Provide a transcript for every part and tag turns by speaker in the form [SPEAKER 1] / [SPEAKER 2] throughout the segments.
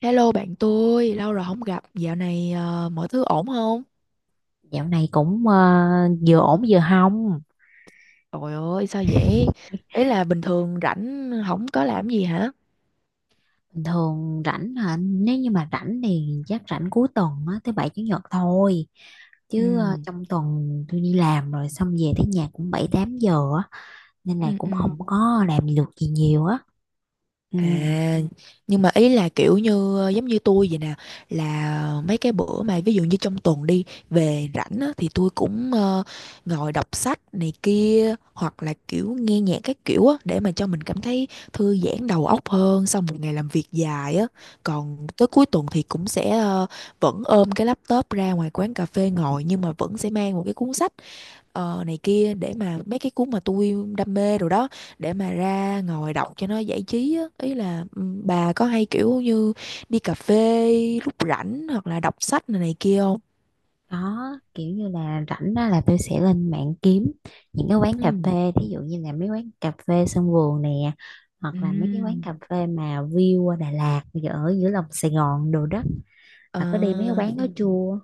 [SPEAKER 1] Hello bạn tôi, lâu rồi không gặp, dạo này mọi thứ ổn không?
[SPEAKER 2] Dạo này cũng vừa ổn vừa hông.
[SPEAKER 1] Trời ơi, sao vậy? Ý là bình thường rảnh không có làm gì hả?
[SPEAKER 2] Bình thường rảnh hả? Nếu như mà rảnh thì chắc rảnh cuối tuần á, thứ bảy chủ nhật thôi. Chứ
[SPEAKER 1] Ừ,
[SPEAKER 2] trong tuần tôi đi làm rồi, xong về tới nhà cũng bảy tám giờ á, nên là
[SPEAKER 1] ừ,
[SPEAKER 2] cũng
[SPEAKER 1] ừ.
[SPEAKER 2] không có làm được gì nhiều á. Ừ.
[SPEAKER 1] À, nhưng mà ý là kiểu như giống như tôi vậy nè, là mấy cái bữa mà ví dụ như trong tuần đi về rảnh á, thì tôi cũng ngồi đọc sách này kia hoặc là kiểu nghe nhạc các kiểu á, để mà cho mình cảm thấy thư giãn đầu óc hơn sau một ngày làm việc dài á. Còn tới cuối tuần thì cũng sẽ vẫn ôm cái laptop ra ngoài quán cà phê ngồi, nhưng mà vẫn sẽ mang một cái cuốn sách này kia, để mà mấy cái cuốn mà tôi đam mê rồi đó, để mà ra ngồi đọc cho nó giải trí á. Ý là bà có hay kiểu như đi cà phê lúc rảnh, hoặc là đọc sách này, này kia không?
[SPEAKER 2] Đó kiểu như là rảnh á, là tôi sẽ lên mạng kiếm những cái quán cà
[SPEAKER 1] Ừ.
[SPEAKER 2] phê. Thí dụ như là mấy quán cà phê sân vườn nè, hoặc là mấy cái quán
[SPEAKER 1] Ừm.
[SPEAKER 2] cà phê mà view qua Đà Lạt, ở giữa lòng Sài Gòn đồ đó.
[SPEAKER 1] Ờ.
[SPEAKER 2] Bà có đi mấy cái quán đó chưa?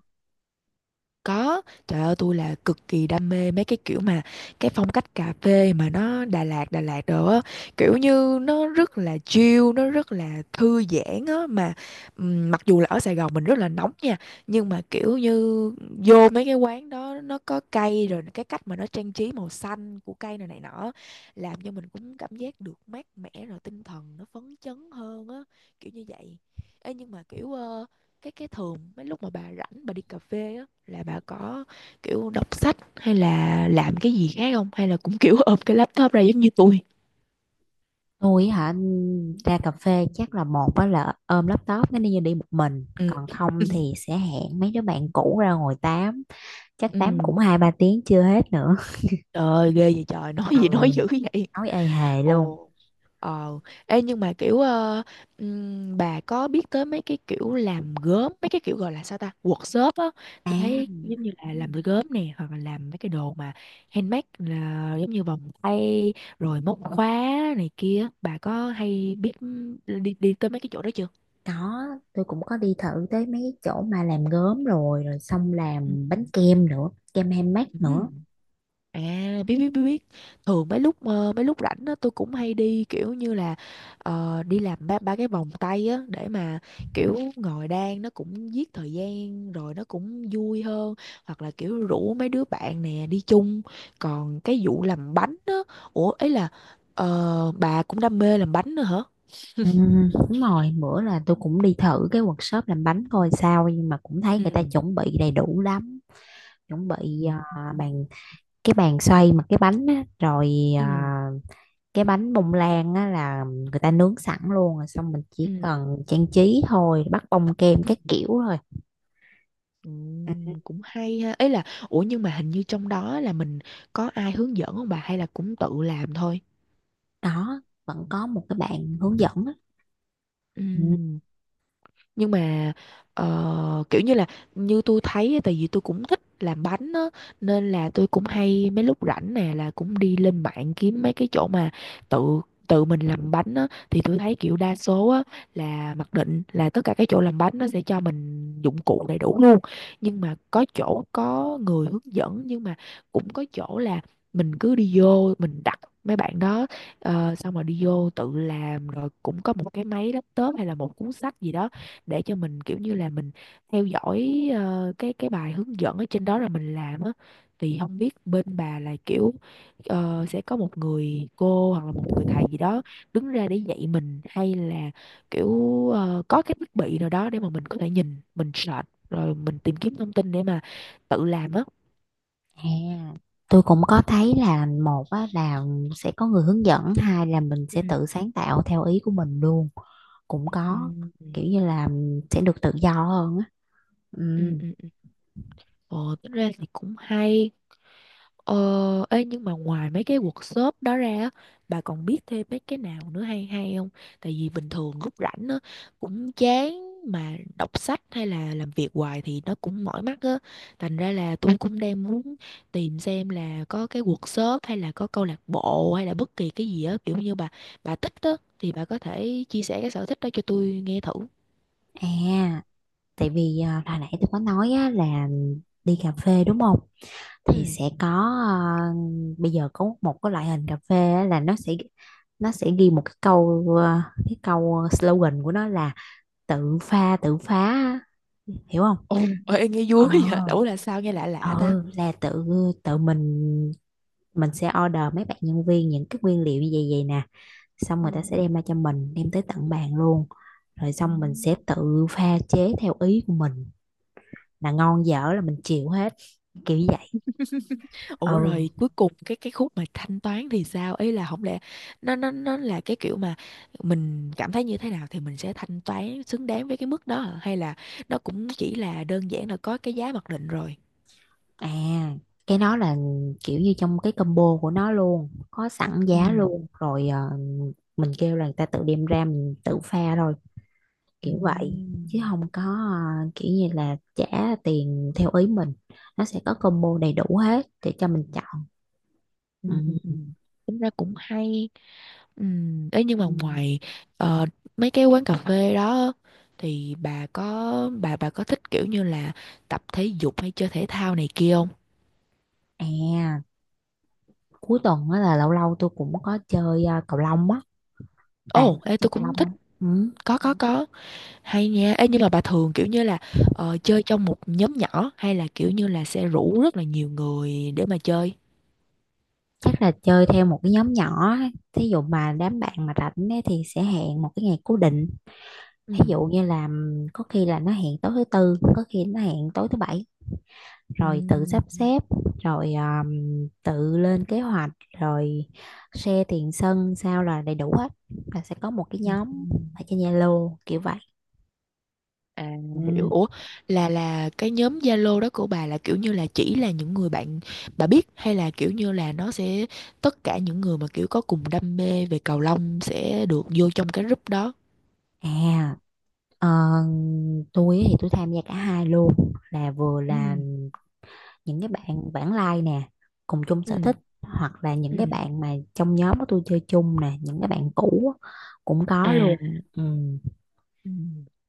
[SPEAKER 1] Có, trời ơi, tôi là cực kỳ đam mê mấy cái kiểu mà cái phong cách cà phê mà nó Đà Lạt Đà Lạt đồ á, kiểu như nó rất là chill, nó rất là thư giãn á. Mà mặc dù là ở Sài Gòn mình rất là nóng nha, nhưng mà kiểu như vô mấy cái quán đó nó có cây, rồi cái cách mà nó trang trí màu xanh của cây này này nọ, làm cho mình cũng cảm giác được mát mẻ, rồi tinh thần nó phấn chấn hơn á, kiểu như vậy. Ê, nhưng mà kiểu cái thường mấy lúc mà bà rảnh bà đi cà phê á, là bà có kiểu đọc sách hay là làm cái gì khác không, hay là cũng kiểu ôm cái laptop ra giống như tôi?
[SPEAKER 2] Tôi hả? Ra cà phê chắc là một á là ôm laptop nó đi, như đi một mình,
[SPEAKER 1] Ừ.
[SPEAKER 2] còn không thì sẽ hẹn mấy đứa bạn cũ ra ngồi tám, chắc tám
[SPEAKER 1] Ừ,
[SPEAKER 2] cũng hai ba tiếng chưa hết nữa.
[SPEAKER 1] trời ơi, ghê vậy trời. Nói gì nói
[SPEAKER 2] Ừ,
[SPEAKER 1] dữ vậy.
[SPEAKER 2] nói ê hề luôn.
[SPEAKER 1] Ồ. Ờ, ê nhưng mà kiểu bà có biết tới mấy cái kiểu làm gốm, mấy cái kiểu gọi là sao ta, workshop á? Tôi thấy
[SPEAKER 2] À,
[SPEAKER 1] giống như là làm gốm nè, hoặc là làm mấy cái đồ mà handmade là giống như vòng tay, rồi móc khóa này kia, bà có hay biết đi đi tới mấy cái chỗ đó chưa?
[SPEAKER 2] có, tôi cũng có đi thử tới mấy cái chỗ mà làm gốm rồi rồi xong
[SPEAKER 1] Ừ.
[SPEAKER 2] làm bánh kem nữa, kem handmade
[SPEAKER 1] Ừ.
[SPEAKER 2] nữa.
[SPEAKER 1] À, biết biết biết biết. Thường mấy lúc rảnh á, tôi cũng hay đi kiểu như là đi làm ba ba cái vòng tay á, để mà kiểu ngồi đan nó cũng giết thời gian rồi nó cũng vui hơn, hoặc là kiểu rủ mấy đứa bạn nè đi chung. Còn cái vụ làm bánh á, ủa ấy là bà cũng đam mê làm bánh nữa hả?
[SPEAKER 2] Ừ, đúng rồi, bữa là tôi cũng đi thử cái workshop làm bánh coi sao, nhưng mà cũng thấy
[SPEAKER 1] Ừ.
[SPEAKER 2] người ta chuẩn bị đầy đủ lắm. Chuẩn bị
[SPEAKER 1] Ừ.
[SPEAKER 2] bàn, cái bàn xoay mà cái bánh á, rồi
[SPEAKER 1] Ừ,
[SPEAKER 2] à, cái bánh bông lan á, là người ta nướng sẵn luôn rồi, xong mình chỉ
[SPEAKER 1] ừ,
[SPEAKER 2] cần trang trí thôi, bắt bông kem
[SPEAKER 1] ừ.
[SPEAKER 2] các kiểu thôi. Ừ,
[SPEAKER 1] Cũng hay ha. Ấy là, ủa nhưng mà hình như trong đó là mình có ai hướng dẫn không bà, hay là cũng tự làm thôi?
[SPEAKER 2] đó vẫn có một cái bạn hướng dẫn á.
[SPEAKER 1] Ừ.
[SPEAKER 2] Ừ,
[SPEAKER 1] Nhưng mà kiểu như là, như tôi thấy á, tại vì tôi cũng thích làm bánh á nên là tôi cũng hay mấy lúc rảnh nè là cũng đi lên mạng kiếm mấy cái chỗ mà tự tự mình làm bánh á. Thì tôi thấy kiểu đa số á là mặc định là tất cả các chỗ làm bánh nó sẽ cho mình dụng cụ đầy đủ luôn, nhưng mà có chỗ có người hướng dẫn, nhưng mà cũng có chỗ là mình cứ đi vô mình đặt mấy bạn đó xong rồi đi vô tự làm, rồi cũng có một cái máy laptop hay là một cuốn sách gì đó để cho mình kiểu như là mình theo dõi cái bài hướng dẫn ở trên đó là mình làm á. Thì không biết bên bà là kiểu sẽ có một người cô hoặc là một người thầy gì đó đứng ra để dạy mình, hay là kiểu có cái thiết bị nào đó để mà mình có thể nhìn mình search rồi mình tìm kiếm thông tin để mà tự làm á.
[SPEAKER 2] à, tôi cũng có thấy là một á, là sẽ có người hướng dẫn, hai là mình
[SPEAKER 1] Ừ,
[SPEAKER 2] sẽ tự sáng tạo theo ý của mình luôn. Cũng có,
[SPEAKER 1] ừ,
[SPEAKER 2] kiểu như là sẽ được tự do hơn á. Ừ.
[SPEAKER 1] ừ, ừ. Ồ, tính ra thì cũng hay. Ờ, ê, nhưng mà ngoài mấy cái workshop đó ra á, bà còn biết thêm mấy cái nào nữa hay hay không? Tại vì bình thường lúc rảnh á, cũng chán mà đọc sách hay là làm việc hoài thì nó cũng mỏi mắt á. Thành ra là tôi cũng đang muốn tìm xem là có cái workshop hay là có câu lạc bộ hay là bất kỳ cái gì á, kiểu như bà thích á thì bà có thể chia sẻ cái sở thích đó cho tôi nghe thử.
[SPEAKER 2] À, tại vì à, hồi nãy tôi có nói á, là đi cà phê đúng không, thì
[SPEAKER 1] Ừ.
[SPEAKER 2] sẽ có à, bây giờ có một cái loại hình cà phê á, là nó sẽ ghi một cái câu, à, cái câu slogan của nó là tự pha tự phá á. Hiểu không?
[SPEAKER 1] Ồ, ê, nghe
[SPEAKER 2] ờ
[SPEAKER 1] vui vậy. Ủa là sao nghe lạ lạ ta?
[SPEAKER 2] ừ, là tự tự mình sẽ order mấy bạn nhân viên những cái nguyên liệu như vậy vậy nè, xong người ta sẽ đem ra cho mình, đem tới tận bàn luôn, rồi
[SPEAKER 1] Ừ.
[SPEAKER 2] xong mình sẽ tự pha chế theo ý của mình, là ngon dở là mình chịu hết, kiểu như vậy.
[SPEAKER 1] Ủa
[SPEAKER 2] Ừ.
[SPEAKER 1] rồi cuối cùng cái khúc mà thanh toán thì sao? Ý là không lẽ nó là cái kiểu mà mình cảm thấy như thế nào thì mình sẽ thanh toán xứng đáng với cái mức đó hả? Hay là nó cũng chỉ là đơn giản là có cái giá mặc định rồi.
[SPEAKER 2] À, cái đó là kiểu như trong cái combo của nó luôn có sẵn
[SPEAKER 1] Ừ.
[SPEAKER 2] giá luôn rồi, mình kêu là người ta tự đem ra, mình tự pha thôi,
[SPEAKER 1] Ừ.
[SPEAKER 2] kiểu vậy chứ không có kiểu như là trả tiền theo ý mình. Nó sẽ có combo đầy đủ hết để cho mình chọn.
[SPEAKER 1] Ừ. Ừ. Ừ.
[SPEAKER 2] Ừ.
[SPEAKER 1] Tính ra cũng hay. Ừ. Ấy nhưng mà
[SPEAKER 2] Ừ.
[SPEAKER 1] ngoài ờ, mấy cái quán cà phê đó, thì bà có thích kiểu như là tập thể dục hay chơi thể thao này kia không?
[SPEAKER 2] À, cuối tuần á là lâu lâu tôi cũng có chơi cầu lông á. Bà
[SPEAKER 1] Ồ,
[SPEAKER 2] có
[SPEAKER 1] ê tôi
[SPEAKER 2] chơi cầu
[SPEAKER 1] cũng
[SPEAKER 2] lông
[SPEAKER 1] thích.
[SPEAKER 2] không? Ừ.
[SPEAKER 1] Có có. Hay nha. Ê, nhưng mà bà thường kiểu như là chơi trong một nhóm nhỏ, hay là kiểu như là sẽ rủ rất là nhiều người để mà chơi?
[SPEAKER 2] Tức là chơi theo một cái nhóm nhỏ á. Thí dụ mà đám bạn mà rảnh ấy, thì sẽ hẹn một cái ngày cố định, ví
[SPEAKER 1] Ừ.
[SPEAKER 2] dụ như là có khi là nó hẹn tối thứ tư, có khi nó hẹn tối thứ bảy,
[SPEAKER 1] Ừ.
[SPEAKER 2] rồi tự sắp xếp, rồi tự lên kế hoạch, rồi share tiền sân sao là đầy đủ hết, là sẽ có một cái
[SPEAKER 1] Ừ.
[SPEAKER 2] nhóm
[SPEAKER 1] Ừ.
[SPEAKER 2] ở trên Zalo kiểu vậy.
[SPEAKER 1] À, hiểu.
[SPEAKER 2] Ừ.
[SPEAKER 1] Ủa là cái nhóm Zalo đó của bà là kiểu như là chỉ là những người bạn bà biết, hay là kiểu như là nó sẽ tất cả những người mà kiểu có cùng đam mê về cầu lông sẽ được vô trong cái group đó?
[SPEAKER 2] à ờ, tôi thì tôi tham gia cả hai luôn, là vừa
[SPEAKER 1] Ừ.
[SPEAKER 2] là những cái bạn bản lai nè, cùng chung sở
[SPEAKER 1] Ừ.
[SPEAKER 2] thích, hoặc là những cái
[SPEAKER 1] Ừ.
[SPEAKER 2] bạn mà trong nhóm của tôi chơi chung nè, những cái bạn cũ á, cũng có
[SPEAKER 1] À.
[SPEAKER 2] luôn. Ừ.
[SPEAKER 1] Ừ.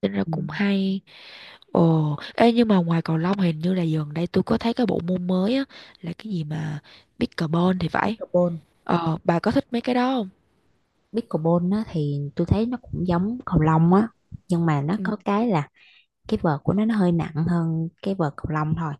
[SPEAKER 1] Tính ra
[SPEAKER 2] Ừ.
[SPEAKER 1] cũng hay. Ồ, ê nhưng mà ngoài cầu lông, hình như là gần đây tôi có thấy cái bộ môn mới á, là cái gì mà pickleball thì phải.
[SPEAKER 2] Pickleball.
[SPEAKER 1] Ờ, bà có thích mấy cái đó không?
[SPEAKER 2] Pickleball á, thì tôi thấy nó cũng giống cầu lông á, nhưng mà nó
[SPEAKER 1] Ừ.
[SPEAKER 2] có cái là cái vợt của nó hơi nặng hơn cái vợt cầu lông thôi.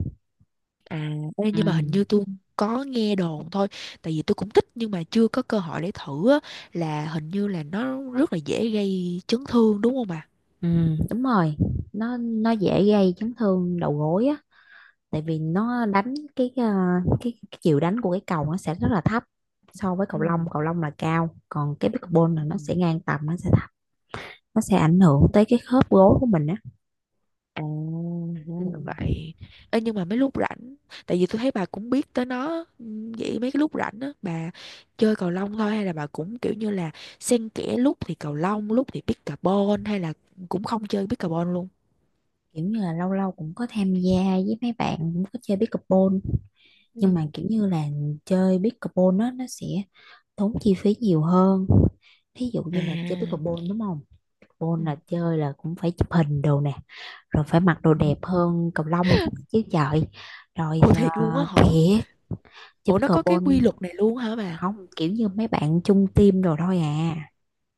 [SPEAKER 1] À, ê,
[SPEAKER 2] Ừ.
[SPEAKER 1] nhưng mà hình như tôi có nghe đồn thôi, tại vì tôi cũng thích nhưng mà chưa có cơ hội để thử á, là hình như là nó rất là dễ gây chấn thương đúng không bà?
[SPEAKER 2] Ừ, đúng rồi, nó dễ gây chấn thương đầu gối á, tại vì nó đánh cái cái chiều đánh của cái cầu nó sẽ rất là thấp, so với
[SPEAKER 1] Ừ.
[SPEAKER 2] cầu lông. Cầu lông là cao, còn cái pickleball là
[SPEAKER 1] Ừ.
[SPEAKER 2] nó sẽ ngang tầm, nó sẽ thấp, nó sẽ ảnh hưởng tới cái khớp gối của mình á.
[SPEAKER 1] À, ra
[SPEAKER 2] Ừ.
[SPEAKER 1] là vậy. Ê, nhưng mà mấy lúc rảnh, tại vì tôi thấy bà cũng biết tới nó, vậy mấy cái lúc rảnh á, bà chơi cầu lông thôi hay là bà cũng kiểu như là xen kẽ lúc thì cầu lông, lúc thì pickleball, hay là cũng không chơi pickleball luôn?
[SPEAKER 2] Kiểu như là lâu lâu cũng có tham gia với mấy bạn cũng có chơi pickleball, nhưng mà
[SPEAKER 1] Ừ.
[SPEAKER 2] kiểu như là chơi pickleball nó sẽ tốn chi phí nhiều hơn. Thí dụ như là chơi
[SPEAKER 1] À,
[SPEAKER 2] pickleball đúng không,
[SPEAKER 1] ừ.
[SPEAKER 2] full là chơi là cũng phải chụp hình đồ nè, rồi phải mặc đồ đẹp hơn cầu lông chứ trời, rồi
[SPEAKER 1] Ủa, thiệt luôn á hả?
[SPEAKER 2] thiệt chứ
[SPEAKER 1] Ủa nó có cái
[SPEAKER 2] pickleball.
[SPEAKER 1] quy luật này luôn hả bà?
[SPEAKER 2] Không, kiểu như mấy bạn chung team đồ thôi à,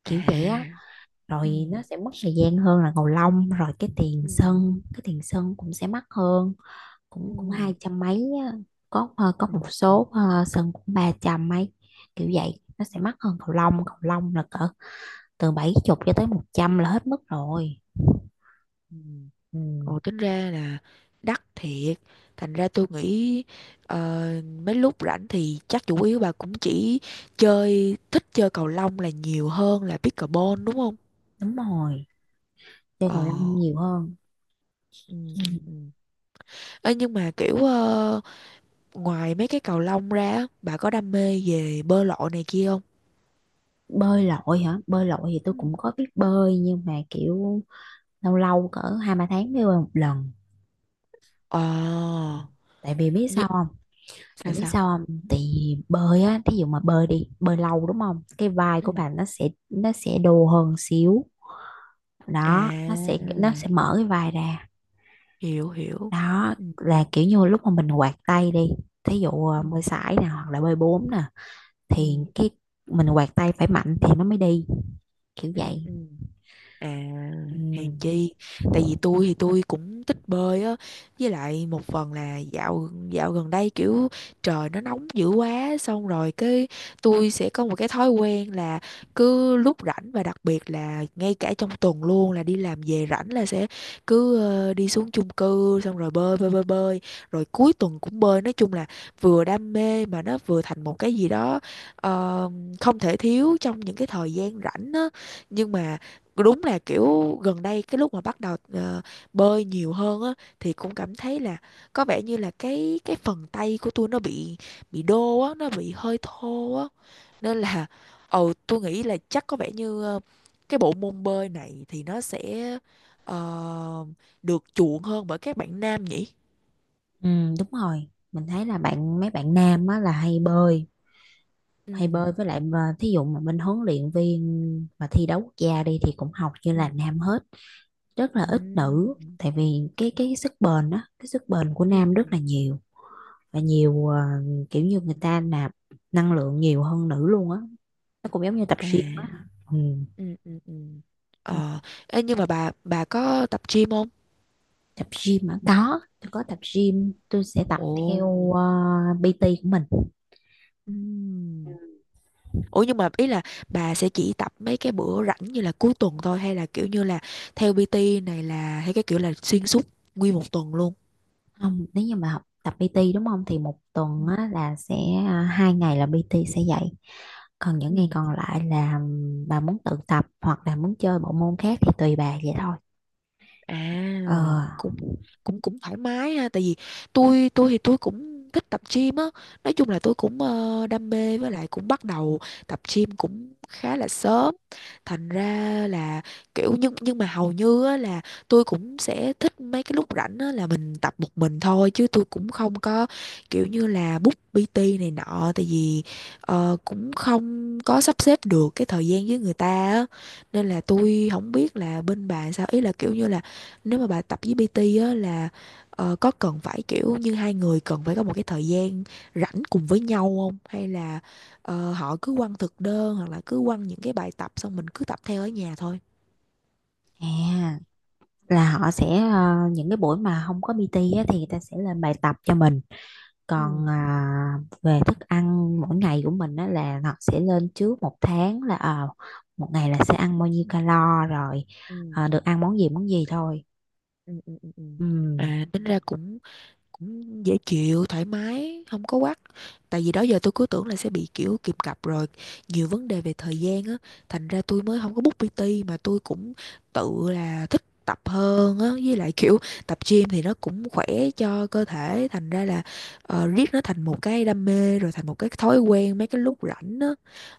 [SPEAKER 2] kiểu vậy á.
[SPEAKER 1] À.
[SPEAKER 2] Rồi
[SPEAKER 1] Ừ.
[SPEAKER 2] nó sẽ mất thời gian hơn là cầu lông, rồi cái tiền
[SPEAKER 1] Ừ.
[SPEAKER 2] sân cái tiền sân cũng sẽ mắc hơn,
[SPEAKER 1] Ừ.
[SPEAKER 2] cũng cũng hai trăm mấy á. Có có
[SPEAKER 1] Ừ.
[SPEAKER 2] một số sân cũng ba trăm mấy, kiểu vậy. Nó sẽ mắc hơn cầu lông. Cầu lông là cỡ từ 70 cho tới 100 là hết mức rồi.
[SPEAKER 1] Ừ.
[SPEAKER 2] Ừ.
[SPEAKER 1] Ồ, tính ra là đắt thiệt. Thành ra tôi nghĩ ờ, mấy lúc rảnh thì chắc chủ yếu bà cũng chỉ chơi, thích chơi cầu lông là nhiều hơn là pickleball đúng không?
[SPEAKER 2] Đúng rồi, chơi
[SPEAKER 1] Ờ,
[SPEAKER 2] cầu lông nhiều hơn.
[SPEAKER 1] ừ, ừ,
[SPEAKER 2] Ừ.
[SPEAKER 1] ừ. Ê, nhưng mà kiểu ngoài mấy cái cầu lông ra á, bà có đam mê về bơi lội này kia không?
[SPEAKER 2] Bơi lội hả? Bơi lội thì tôi
[SPEAKER 1] Ừ.
[SPEAKER 2] cũng có biết bơi, nhưng mà kiểu lâu lâu cỡ hai ba tháng mới bơi một lần.
[SPEAKER 1] Ờ,
[SPEAKER 2] Ừ. Tại vì biết
[SPEAKER 1] nhưng
[SPEAKER 2] sao không? Thì
[SPEAKER 1] sao
[SPEAKER 2] biết
[SPEAKER 1] sao?
[SPEAKER 2] sao không? Thì bơi á, thí dụ mà bơi đi, bơi lâu đúng không? Cái vai của
[SPEAKER 1] Ừ.
[SPEAKER 2] bạn nó sẽ đồ hơn xíu.
[SPEAKER 1] À,
[SPEAKER 2] Đó, nó sẽ mở cái vai ra.
[SPEAKER 1] hiểu hiểu.
[SPEAKER 2] Đó
[SPEAKER 1] Ừ,
[SPEAKER 2] là kiểu như lúc mà mình quạt tay đi, thí dụ à,
[SPEAKER 1] ừ,
[SPEAKER 2] bơi sải nè, hoặc là bơi bốn nè, thì
[SPEAKER 1] ừ,
[SPEAKER 2] cái mình quạt tay phải mạnh thì nó mới đi, kiểu
[SPEAKER 1] ừ,
[SPEAKER 2] vậy.
[SPEAKER 1] ừ. À,
[SPEAKER 2] Ừ,
[SPEAKER 1] hèn chi. Tại vì tôi thì tôi cũng thích bơi á. Với lại một phần là dạo dạo gần đây kiểu trời nó nóng dữ quá. Xong rồi cái tôi sẽ có một cái thói quen là cứ lúc rảnh và đặc biệt là ngay cả trong tuần luôn, là đi làm về rảnh là sẽ cứ đi xuống chung cư xong rồi bơi bơi bơi bơi. Rồi cuối tuần cũng bơi. Nói chung là vừa đam mê mà nó vừa thành một cái gì đó ờ, không thể thiếu trong những cái thời gian rảnh á. Nhưng mà đúng là kiểu gần đây cái lúc mà bắt đầu bơi nhiều hơn á, thì cũng cảm thấy là có vẻ như là cái phần tay của tôi nó bị đô á, nó bị hơi thô á, nên là tôi nghĩ là chắc có vẻ như cái bộ môn bơi này thì nó sẽ ờ, được chuộng hơn bởi các bạn nam nhỉ.
[SPEAKER 2] ừ, đúng rồi, mình thấy là mấy bạn nam á là hay bơi
[SPEAKER 1] Ừ,
[SPEAKER 2] hay bơi với lại mà thí dụ mà bên huấn luyện viên mà thi đấu quốc gia đi thì cũng học như
[SPEAKER 1] ừ,
[SPEAKER 2] là nam hết, rất
[SPEAKER 1] ừ,
[SPEAKER 2] là ít nữ, tại vì cái sức bền á, cái sức bền của
[SPEAKER 1] ừ,
[SPEAKER 2] nam
[SPEAKER 1] ừ.
[SPEAKER 2] rất là nhiều và nhiều kiểu như người ta nạp năng lượng nhiều hơn nữ luôn á, nó cũng giống như tập
[SPEAKER 1] À,
[SPEAKER 2] gym á. Ừ.
[SPEAKER 1] ừ, ừ, ừ.
[SPEAKER 2] Ừ,
[SPEAKER 1] ờ Ê, nhưng mà bà có tập gym không?
[SPEAKER 2] tập gym mà có, tôi có tập gym, tôi sẽ tập
[SPEAKER 1] Ồ.
[SPEAKER 2] theo PT của mình.
[SPEAKER 1] Ừm. Ủa nhưng mà ý là bà sẽ chỉ tập mấy cái bữa rảnh như là cuối tuần thôi, hay là kiểu như là theo PT này, là hay cái kiểu là xuyên suốt nguyên một tuần luôn?
[SPEAKER 2] Không, nếu như mà học tập PT đúng không thì một
[SPEAKER 1] Ừ.
[SPEAKER 2] tuần á, là sẽ à, 2 ngày là PT sẽ dạy, còn những ngày
[SPEAKER 1] Ừ.
[SPEAKER 2] còn lại là bà muốn tự tập hoặc là muốn chơi bộ môn khác thì tùy bà vậy thôi.
[SPEAKER 1] À,
[SPEAKER 2] ờ
[SPEAKER 1] cũng cũng cũng thoải mái ha, tại vì tôi thì tôi cũng thích tập gym á, nói chung là tôi cũng đam mê, với lại cũng bắt đầu tập gym cũng khá là sớm, thành ra là kiểu nhưng mà hầu như á, là tôi cũng sẽ thích mấy cái lúc rảnh á, là mình tập một mình thôi chứ tôi cũng không có kiểu như là book PT này nọ, tại vì cũng không có sắp xếp được cái thời gian với người ta á, nên là tôi không biết là bên bà sao, ý là kiểu như là nếu mà bà tập với PT á là có cần phải kiểu như hai người cần phải có một cái thời gian rảnh cùng với nhau không, hay là họ cứ quăng thực đơn hoặc là cứ quăng những cái bài tập xong mình cứ tập theo ở nhà thôi.
[SPEAKER 2] à là họ sẽ, những cái buổi mà không có PT á, thì người ta sẽ lên bài tập cho mình,
[SPEAKER 1] Ừ,
[SPEAKER 2] còn à, về thức ăn mỗi ngày của mình á, là họ sẽ lên trước 1 tháng là 1 ngày là sẽ ăn bao nhiêu calo rồi,
[SPEAKER 1] ừ,
[SPEAKER 2] được ăn món gì thôi.
[SPEAKER 1] ừ, ừ, ừ, ừ.
[SPEAKER 2] Ừm,
[SPEAKER 1] À, tính ra cũng cũng dễ chịu thoải mái, không có quắc, tại vì đó giờ tôi cứ tưởng là sẽ bị kiểu kìm cặp rồi nhiều vấn đề về thời gian á, thành ra tôi mới không có book PT, mà tôi cũng tự là thích tập hơn á, với lại kiểu tập gym thì nó cũng khỏe cho cơ thể, thành ra là riết nó thành một cái đam mê rồi thành một cái thói quen mấy cái lúc rảnh á.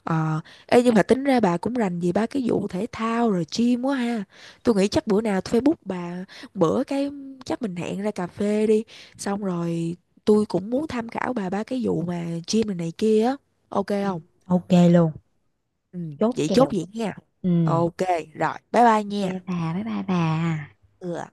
[SPEAKER 1] ờ Ê nhưng mà tính ra bà cũng rành về ba cái vụ thể thao rồi gym quá ha, tôi nghĩ chắc bữa nào tôi phải book bà bữa cái, chắc mình hẹn ra cà phê đi. Xong rồi tôi cũng muốn tham khảo bà ba cái vụ mà gym này, này kia á. Ok không?
[SPEAKER 2] ok luôn,
[SPEAKER 1] Ừ,
[SPEAKER 2] chốt
[SPEAKER 1] vậy chốt
[SPEAKER 2] kèo.
[SPEAKER 1] vậy nha.
[SPEAKER 2] Ừ,
[SPEAKER 1] Ok, rồi, bye bye
[SPEAKER 2] ok,
[SPEAKER 1] nha.
[SPEAKER 2] bà, bye bye bà.
[SPEAKER 1] Ừ.